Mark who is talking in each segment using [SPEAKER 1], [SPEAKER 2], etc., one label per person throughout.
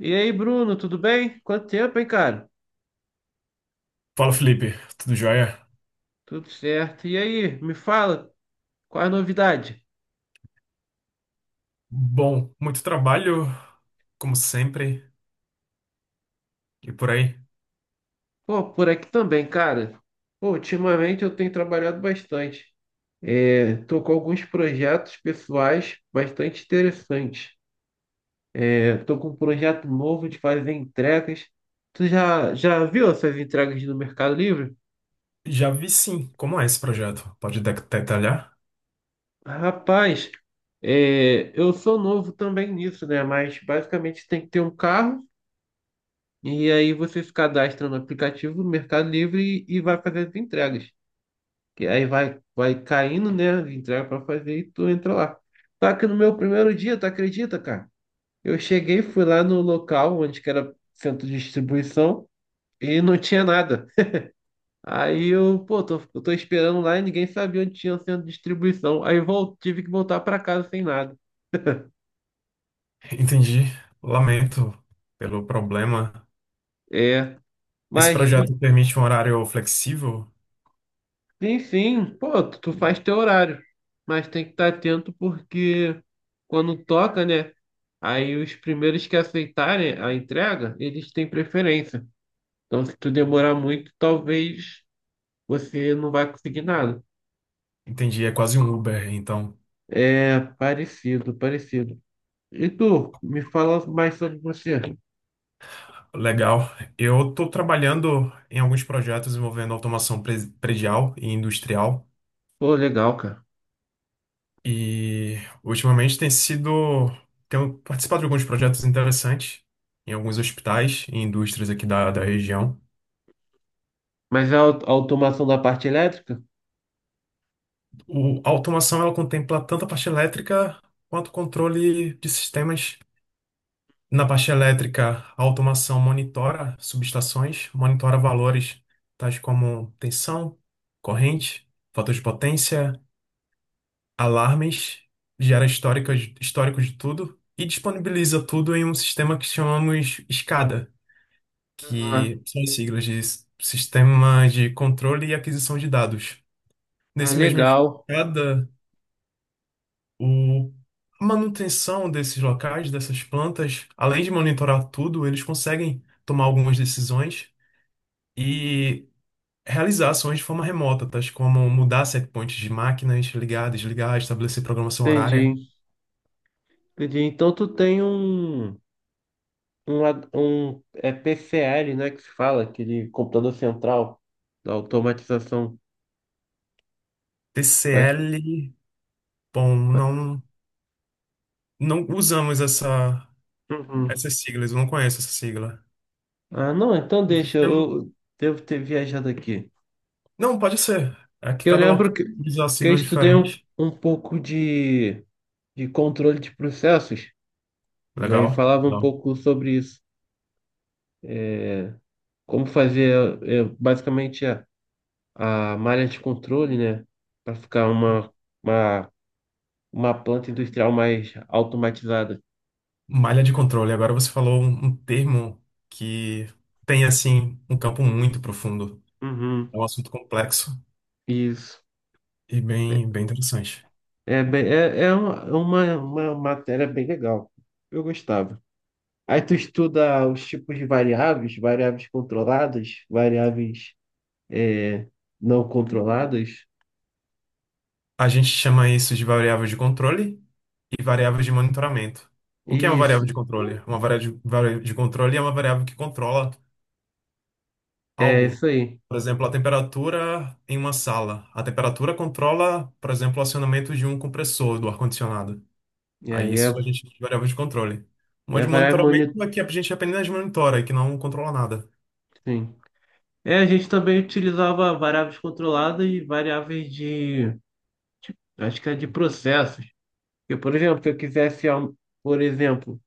[SPEAKER 1] E aí, Bruno, tudo bem? Quanto tempo, hein, cara?
[SPEAKER 2] Fala, Felipe. Tudo jóia?
[SPEAKER 1] Tudo certo. E aí, me fala, qual é a novidade?
[SPEAKER 2] Bom, muito trabalho, como sempre, e por aí.
[SPEAKER 1] Pô, por aqui também, cara. Pô, ultimamente eu tenho trabalhado bastante. Tô com alguns projetos pessoais bastante interessantes. Tô com um projeto novo de fazer entregas. Tu já viu essas entregas no Mercado Livre?
[SPEAKER 2] Já vi sim como é esse projeto. Pode detalhar?
[SPEAKER 1] Rapaz, eu sou novo também nisso, né? Mas basicamente tem que ter um carro. E aí você se cadastra no aplicativo do Mercado Livre e vai fazer as entregas. Que aí vai caindo, né, as entregas para fazer e tu entra lá. Só que no meu primeiro dia, tu acredita, cara? Eu cheguei, fui lá no local onde que era centro de distribuição e não tinha nada. Aí eu, pô, eu tô esperando lá e ninguém sabia onde tinha o centro de distribuição. Tive que voltar para casa sem nada.
[SPEAKER 2] Entendi. Lamento pelo problema.
[SPEAKER 1] É,
[SPEAKER 2] Esse
[SPEAKER 1] mas...
[SPEAKER 2] projeto permite um horário flexível?
[SPEAKER 1] Sim, sim. Pô, tu faz teu horário, mas tem que estar atento porque quando toca, né? Aí os primeiros que aceitarem a entrega, eles têm preferência. Então, se tu demorar muito, talvez você não vai conseguir nada.
[SPEAKER 2] Entendi, é quase um Uber, então.
[SPEAKER 1] É parecido, parecido. E tu, me fala mais sobre você.
[SPEAKER 2] Legal. Eu estou trabalhando em alguns projetos envolvendo automação predial e industrial.
[SPEAKER 1] Pô, legal, cara.
[SPEAKER 2] E ultimamente tem sido. Tenho participado de alguns projetos interessantes em alguns hospitais e indústrias aqui da região.
[SPEAKER 1] Mas é a a automação da parte elétrica?
[SPEAKER 2] A automação ela contempla tanto a parte elétrica quanto o controle de sistemas. Na parte elétrica, a automação monitora subestações, monitora valores tais como tensão, corrente, fator de potência, alarmes, gera histórico de tudo e disponibiliza tudo em um sistema que chamamos SCADA,
[SPEAKER 1] Aham.
[SPEAKER 2] que são as siglas de Sistema de Controle e Aquisição de Dados.
[SPEAKER 1] Ah,
[SPEAKER 2] Nesse mesmo
[SPEAKER 1] legal.
[SPEAKER 2] cada o a manutenção desses locais, dessas plantas, além de monitorar tudo, eles conseguem tomar algumas decisões e realizar ações de forma remota, tais como mudar setpoints de máquinas, ligar, desligar, estabelecer programação horária.
[SPEAKER 1] Entendi. Entendi. Então tu tem um. Um, ad- Um é PCL, né, que se fala, aquele computador central da automatização. Faz-
[SPEAKER 2] TCL, bom,
[SPEAKER 1] faz-
[SPEAKER 2] não usamos essa
[SPEAKER 1] Uhum.
[SPEAKER 2] essas siglas, eu não conheço essa sigla.
[SPEAKER 1] Ah, não, então deixa, eu devo ter viajado aqui.
[SPEAKER 2] Não, pode ser. É que
[SPEAKER 1] Eu
[SPEAKER 2] cada
[SPEAKER 1] lembro
[SPEAKER 2] local usa
[SPEAKER 1] que eu
[SPEAKER 2] siglas
[SPEAKER 1] estudei
[SPEAKER 2] diferentes.
[SPEAKER 1] um pouco de controle de processos, aí
[SPEAKER 2] Legal,
[SPEAKER 1] falava um
[SPEAKER 2] legal.
[SPEAKER 1] pouco sobre isso, é, como fazer é, basicamente a malha de controle, né, para ficar uma, uma planta industrial mais automatizada.
[SPEAKER 2] Malha de controle. Agora você falou um termo que tem, assim, um campo muito profundo.
[SPEAKER 1] Uhum.
[SPEAKER 2] É um assunto complexo
[SPEAKER 1] Isso.
[SPEAKER 2] e bem, bem interessante.
[SPEAKER 1] É, bem, é uma matéria bem legal. Eu gostava. Aí tu estuda os tipos de variáveis, variáveis controladas, variáveis, é, não controladas.
[SPEAKER 2] A gente chama isso de variável de controle e variável de monitoramento. O que é uma variável
[SPEAKER 1] Isso,
[SPEAKER 2] de controle? Uma variável de controle é uma variável que controla
[SPEAKER 1] é
[SPEAKER 2] algo.
[SPEAKER 1] isso aí.
[SPEAKER 2] Por exemplo, a temperatura em uma sala. A temperatura controla, por exemplo, o acionamento de um compressor do ar-condicionado.
[SPEAKER 1] É,
[SPEAKER 2] Aí
[SPEAKER 1] e é
[SPEAKER 2] isso a gente variável de controle. Uma
[SPEAKER 1] e a
[SPEAKER 2] de
[SPEAKER 1] variável
[SPEAKER 2] monitoramento
[SPEAKER 1] monitor,
[SPEAKER 2] é que a gente apenas monitora, que não controla nada.
[SPEAKER 1] sim. É, a gente também utilizava variáveis controladas e variáveis de, acho que é de processos. Porque, por exemplo, se eu quisesse, por exemplo,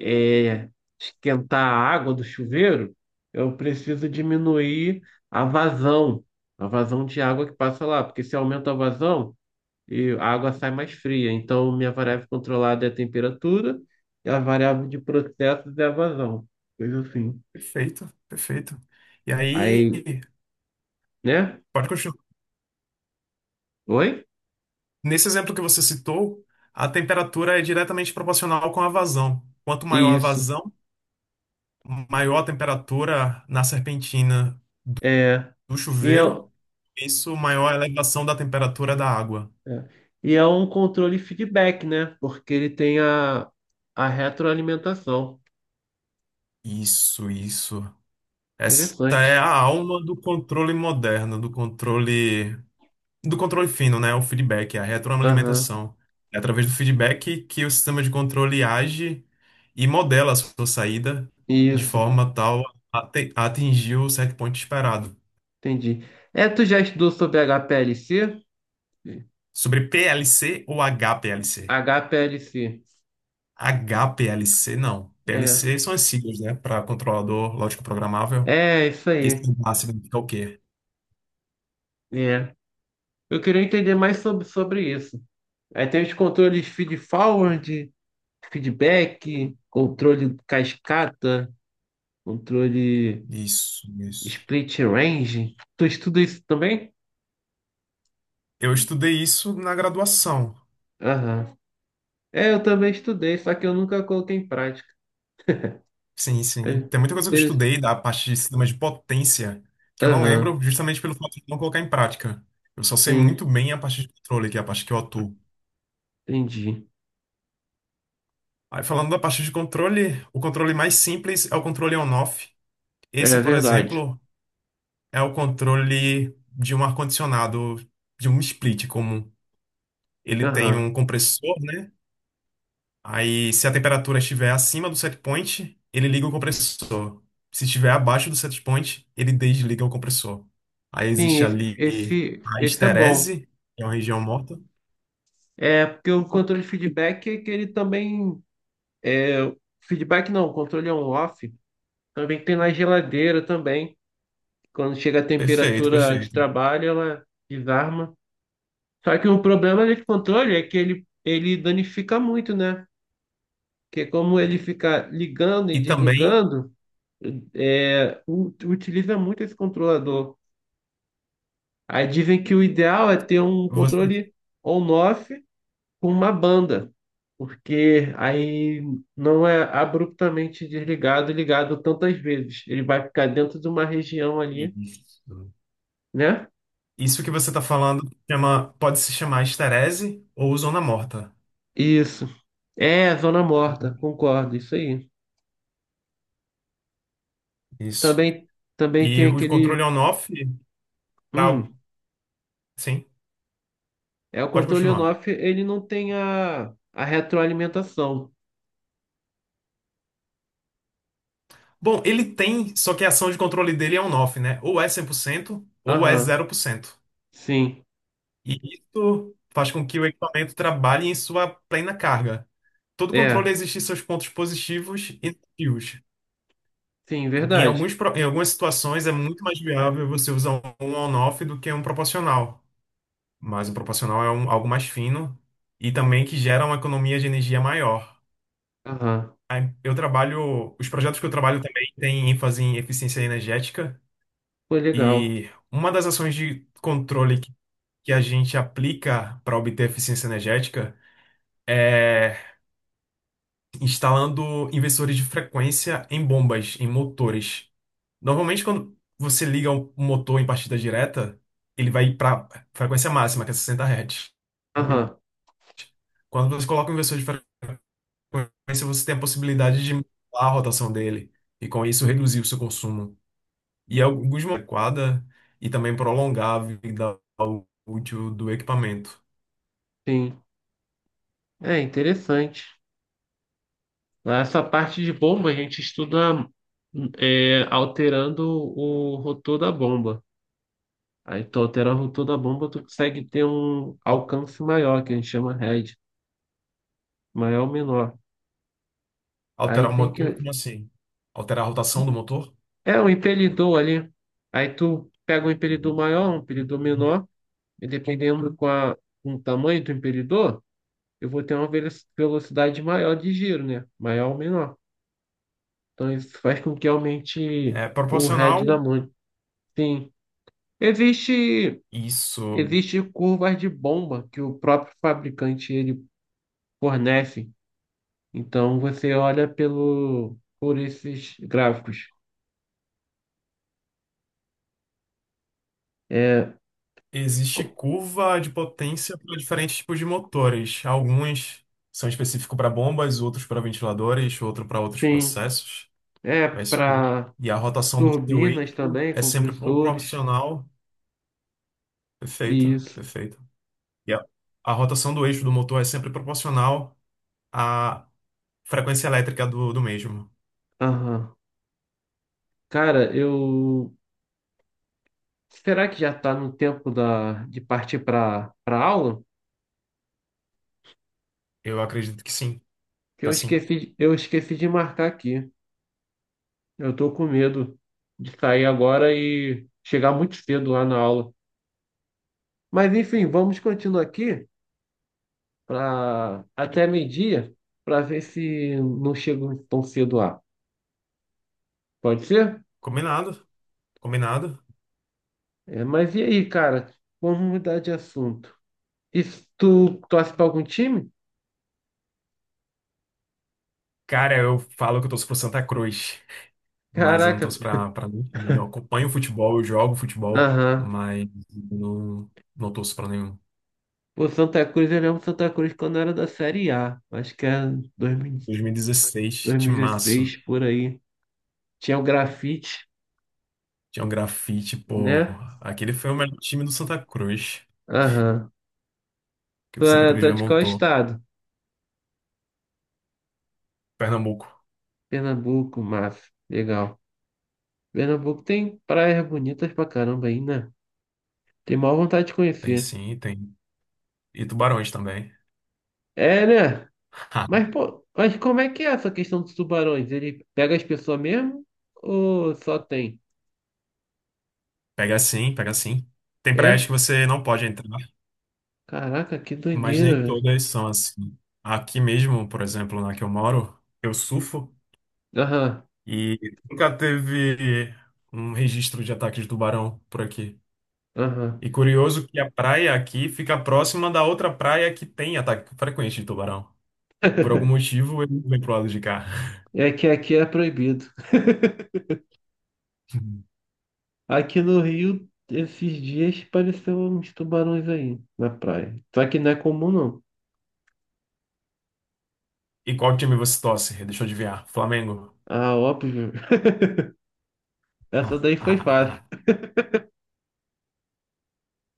[SPEAKER 1] é, esquentar a água do chuveiro, eu preciso diminuir a vazão, a vazão de água que passa lá, porque se aumenta a vazão, e a água sai mais fria. Então, minha variável controlada é a temperatura e a variável de processos é a vazão, coisa assim.
[SPEAKER 2] Perfeito, perfeito. E aí,
[SPEAKER 1] Aí, né?
[SPEAKER 2] pode continuar.
[SPEAKER 1] Oi?
[SPEAKER 2] Nesse exemplo que você citou, a temperatura é diretamente proporcional com a vazão. Quanto maior a
[SPEAKER 1] Isso.
[SPEAKER 2] vazão, maior a temperatura na serpentina
[SPEAKER 1] É,
[SPEAKER 2] do
[SPEAKER 1] e é,
[SPEAKER 2] chuveiro, isso maior a elevação da temperatura da água.
[SPEAKER 1] é, é um controle feedback, né? Porque ele tem a retroalimentação.
[SPEAKER 2] Isso, isso. Essa é
[SPEAKER 1] Interessante.
[SPEAKER 2] a alma do controle moderno, do controle fino, né? O feedback, a
[SPEAKER 1] Aham.
[SPEAKER 2] retroalimentação. É através do feedback que o sistema de controle age e modela a sua saída de
[SPEAKER 1] Isso.
[SPEAKER 2] forma tal a atingir o set point esperado.
[SPEAKER 1] Entendi. É, tu já estudou sobre HPLC?
[SPEAKER 2] Sobre PLC ou HPLC?
[SPEAKER 1] HPLC.
[SPEAKER 2] HPLC não.
[SPEAKER 1] É,
[SPEAKER 2] PLC são as siglas, né? Para controlador lógico programável.
[SPEAKER 1] é isso
[SPEAKER 2] E esse
[SPEAKER 1] aí.
[SPEAKER 2] H significa o quê?
[SPEAKER 1] É. Eu queria entender mais sobre, sobre isso. Aí tem os controles feed forward, feedback, controle cascata, controle
[SPEAKER 2] Isso, isso.
[SPEAKER 1] split range. Tu estuda isso também?
[SPEAKER 2] Eu estudei isso na graduação.
[SPEAKER 1] Aham. É, eu também estudei, só que eu nunca coloquei em prática.
[SPEAKER 2] Sim, sim. Tem muita coisa que eu
[SPEAKER 1] Eles-
[SPEAKER 2] estudei da parte de sistemas de potência que eu não
[SPEAKER 1] aham,
[SPEAKER 2] lembro justamente pelo fato de não colocar em prática. Eu só sei
[SPEAKER 1] sim,
[SPEAKER 2] muito bem a parte de controle, que é a parte que eu atuo.
[SPEAKER 1] entendi.
[SPEAKER 2] Aí, falando da parte de controle, o controle mais simples é o controle on-off.
[SPEAKER 1] É
[SPEAKER 2] Esse, por
[SPEAKER 1] verdade.
[SPEAKER 2] exemplo, é o controle de um ar-condicionado, de um split comum. Ele tem um
[SPEAKER 1] Aham.
[SPEAKER 2] compressor, né? Aí, se a temperatura estiver acima do set point, ele liga o compressor. Se estiver abaixo do set point, ele desliga o compressor. Aí
[SPEAKER 1] Sim,
[SPEAKER 2] existe ali a
[SPEAKER 1] esse é bom.
[SPEAKER 2] esterese, que é uma região morta.
[SPEAKER 1] É, porque o controle de feedback é que ele também. Feedback não, controle é on-off. Também tem na geladeira também. Quando chega a
[SPEAKER 2] Perfeito,
[SPEAKER 1] temperatura de
[SPEAKER 2] perfeito.
[SPEAKER 1] trabalho, ela desarma. Só que o problema desse controle é que ele danifica muito, né? Porque como ele fica ligando
[SPEAKER 2] E
[SPEAKER 1] e
[SPEAKER 2] também
[SPEAKER 1] desligando, é, utiliza muito esse controlador. Aí dizem que o ideal é ter um
[SPEAKER 2] você.
[SPEAKER 1] controle on-off com uma banda, porque aí não é abruptamente desligado e ligado tantas vezes. Ele vai ficar dentro de uma região ali,
[SPEAKER 2] Isso.
[SPEAKER 1] né?
[SPEAKER 2] Isso que você está falando pode se chamar esterese ou zona morta.
[SPEAKER 1] Isso. É, zona morta, concordo, isso aí.
[SPEAKER 2] Isso.
[SPEAKER 1] Também, também tem
[SPEAKER 2] E o controle
[SPEAKER 1] aquele.
[SPEAKER 2] on-off, pra-
[SPEAKER 1] Hum,
[SPEAKER 2] sim,
[SPEAKER 1] é o
[SPEAKER 2] pode
[SPEAKER 1] controle
[SPEAKER 2] continuar.
[SPEAKER 1] on-off, ele não tem a retroalimentação.
[SPEAKER 2] Bom, ele tem, só que a ação de controle dele é on-off, né? Ou é 100%, ou é
[SPEAKER 1] Aham,
[SPEAKER 2] 0%.
[SPEAKER 1] sim.
[SPEAKER 2] E isso faz com que o equipamento trabalhe em sua plena carga. Todo controle
[SPEAKER 1] É,
[SPEAKER 2] existe seus pontos positivos e negativos.
[SPEAKER 1] sim,
[SPEAKER 2] Em
[SPEAKER 1] verdade.
[SPEAKER 2] alguns, pro- em algumas situações é muito mais viável você usar um on-off do que um proporcional. Mas um proporcional é algo mais fino e também que gera uma economia de energia maior.
[SPEAKER 1] Aham,
[SPEAKER 2] Aí os projetos que eu trabalho também têm ênfase em eficiência energética.
[SPEAKER 1] foi legal.
[SPEAKER 2] E uma das ações de controle que a gente aplica para obter eficiência energética é instalando inversores de frequência em bombas, em motores. Normalmente, quando você liga um motor em partida direta, ele vai para frequência máxima, que é 60 Hz.
[SPEAKER 1] Aham,
[SPEAKER 2] Quando você coloca um inversor de frequência, você tem a possibilidade de mudar a rotação dele e, com isso, reduzir o seu consumo. E é alguns momentos adequada e também prolongar a vida útil do equipamento.
[SPEAKER 1] sim. É interessante. Né? Essa parte de bomba a gente estuda é, alterando o rotor da bomba. Aí tu altera o rotor da bomba, tu consegue ter um alcance maior, que a gente chama head, maior ou menor. Aí
[SPEAKER 2] Alterar o
[SPEAKER 1] tem
[SPEAKER 2] motor,
[SPEAKER 1] que.
[SPEAKER 2] como assim? Alterar a rotação do motor?
[SPEAKER 1] É um impelidor ali. Aí tu pega um impelidor maior, um impelidor menor, e dependendo com o tamanho do impelidor, eu vou ter uma velocidade maior de giro, né? Maior ou menor. Então isso faz com que aumente
[SPEAKER 2] É
[SPEAKER 1] o
[SPEAKER 2] proporcional.
[SPEAKER 1] head da mão. Sim. Existe.
[SPEAKER 2] Isso.
[SPEAKER 1] Existem curvas de bomba que o próprio fabricante ele fornece. Então você olha pelo por esses gráficos. É,
[SPEAKER 2] Existe
[SPEAKER 1] co-
[SPEAKER 2] curva de potência para diferentes tipos de motores. Alguns são específicos para bombas, outros para ventiladores, outro para outros
[SPEAKER 1] tem
[SPEAKER 2] processos.
[SPEAKER 1] é
[SPEAKER 2] É isso aí.
[SPEAKER 1] para
[SPEAKER 2] E a rotação do seu
[SPEAKER 1] turbinas
[SPEAKER 2] eixo
[SPEAKER 1] também,
[SPEAKER 2] é sempre
[SPEAKER 1] compressores
[SPEAKER 2] proporcional.
[SPEAKER 1] e
[SPEAKER 2] Perfeito,
[SPEAKER 1] isso.
[SPEAKER 2] perfeito. E a rotação do eixo do motor é sempre proporcional à frequência elétrica do mesmo.
[SPEAKER 1] Aham. Cara, eu será que já está no tempo da de partir para para aula?
[SPEAKER 2] Eu acredito que sim.
[SPEAKER 1] Que
[SPEAKER 2] Tá sim.
[SPEAKER 1] eu esqueci de marcar aqui. Eu tô com medo de sair agora e chegar muito cedo lá na aula. Mas enfim, vamos continuar aqui para até meio-dia para ver se não chego tão cedo lá. Pode ser?
[SPEAKER 2] Combinado, combinado.
[SPEAKER 1] É, mas e aí, cara? Vamos mudar de assunto. E se tu torce para algum time?
[SPEAKER 2] Cara, eu falo que eu torço pro Santa Cruz, mas eu não
[SPEAKER 1] Caraca.
[SPEAKER 2] torço pra nenhum time. Eu acompanho futebol, eu jogo futebol,
[SPEAKER 1] Aham.
[SPEAKER 2] mas não, não torço pra nenhum.
[SPEAKER 1] O Santa Cruz, eu lembro do Santa Cruz quando era da Série A. Acho que era dois mil
[SPEAKER 2] 2016,
[SPEAKER 1] dois mil e
[SPEAKER 2] timaço.
[SPEAKER 1] 2016, por aí. Tinha o grafite,
[SPEAKER 2] Tinha um grafite, pô.
[SPEAKER 1] né?
[SPEAKER 2] Aquele foi o melhor time do Santa Cruz,
[SPEAKER 1] Aham.
[SPEAKER 2] que o Santa Cruz
[SPEAKER 1] Tu é
[SPEAKER 2] já
[SPEAKER 1] de qual
[SPEAKER 2] montou.
[SPEAKER 1] estado?
[SPEAKER 2] Pernambuco.
[SPEAKER 1] Pernambuco, massa. Legal. Pernambuco tem praias bonitas pra caramba aí, né? Tem maior vontade de
[SPEAKER 2] Aí
[SPEAKER 1] conhecer.
[SPEAKER 2] sim, tem. E tubarões também.
[SPEAKER 1] É, né? Mas, pô, mas como é que é essa questão dos tubarões? Ele pega as pessoas mesmo ou só tem?
[SPEAKER 2] Pega sim, pega sim. Tem
[SPEAKER 1] É?
[SPEAKER 2] praias que você não pode entrar,
[SPEAKER 1] Caraca, que
[SPEAKER 2] mas
[SPEAKER 1] doideira,
[SPEAKER 2] nem
[SPEAKER 1] velho.
[SPEAKER 2] todas são assim. Aqui mesmo, por exemplo, na que eu moro, eu surfo.
[SPEAKER 1] Aham,
[SPEAKER 2] E nunca teve um registro de ataque de tubarão por aqui.
[SPEAKER 1] aham.
[SPEAKER 2] E curioso que a praia aqui fica próxima da outra praia que tem ataque frequente de tubarão. Por algum motivo, ele vem pro lado de cá.
[SPEAKER 1] É que aqui é proibido. Aqui no Rio, esses dias apareceu uns tubarões aí na praia. Só que não é comum, não.
[SPEAKER 2] E qual time você torce? Deixa eu adivinhar. Flamengo.
[SPEAKER 1] Ah, óbvio. Essa daí foi fácil.
[SPEAKER 2] Ah,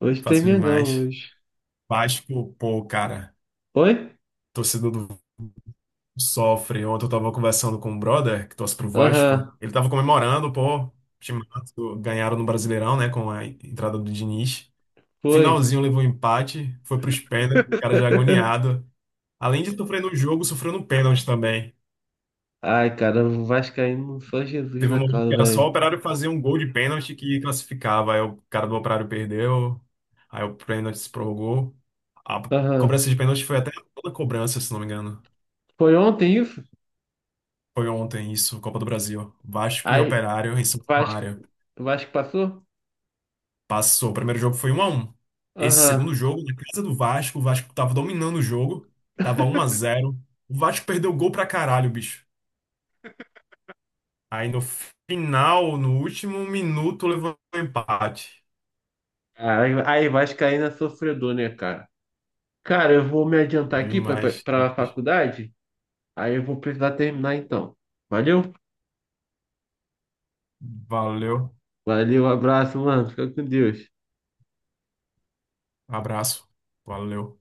[SPEAKER 1] Hoje tem
[SPEAKER 2] fácil
[SPEAKER 1] Mengão,
[SPEAKER 2] demais.
[SPEAKER 1] hoje.
[SPEAKER 2] Vasco, pô, cara,
[SPEAKER 1] Oi?
[SPEAKER 2] torcedor do Vasco sofre. Ontem eu tava conversando com um brother que torce pro Vasco.
[SPEAKER 1] Aham.
[SPEAKER 2] Ele tava comemorando, pô, o time ganharam no Brasileirão, né, com a entrada do Diniz.
[SPEAKER 1] Foi.
[SPEAKER 2] Finalzinho levou um empate, foi para os pênaltis, o cara já agoniado. Além de sofrer no jogo, sofreu no pênalti também.
[SPEAKER 1] Ai, cara, o Vascaíno só Jesus
[SPEAKER 2] Teve
[SPEAKER 1] na
[SPEAKER 2] um momento que
[SPEAKER 1] causa,
[SPEAKER 2] era só o
[SPEAKER 1] velho.
[SPEAKER 2] Operário fazer um gol de pênalti que classificava. Aí o cara do Operário perdeu, aí o pênalti se prorrogou. A
[SPEAKER 1] Aham.
[SPEAKER 2] cobrança de pênalti foi até toda cobrança, se não me engano.
[SPEAKER 1] Foi ontem isso?
[SPEAKER 2] Foi ontem isso, Copa do Brasil. Vasco e
[SPEAKER 1] Aí,
[SPEAKER 2] Operário em Santa
[SPEAKER 1] Vasco,
[SPEAKER 2] Maria.
[SPEAKER 1] Vasco passou?
[SPEAKER 2] Passou. O primeiro jogo foi 1 a 1. Esse segundo
[SPEAKER 1] Aham.
[SPEAKER 2] jogo, na casa do Vasco, o Vasco tava dominando o jogo, tava 1 a 0. O Vasco perdeu o gol pra caralho, bicho. Aí no final, no último minuto, levou um empate.
[SPEAKER 1] Aí, aí, Vascaína é sofredor, né, cara? Cara, eu vou me adiantar aqui
[SPEAKER 2] Demais,
[SPEAKER 1] para a
[SPEAKER 2] demais.
[SPEAKER 1] faculdade. Aí eu vou precisar terminar então. Valeu?
[SPEAKER 2] Valeu.
[SPEAKER 1] Valeu, abraço, mano. Fica com Deus.
[SPEAKER 2] Abraço. Valeu.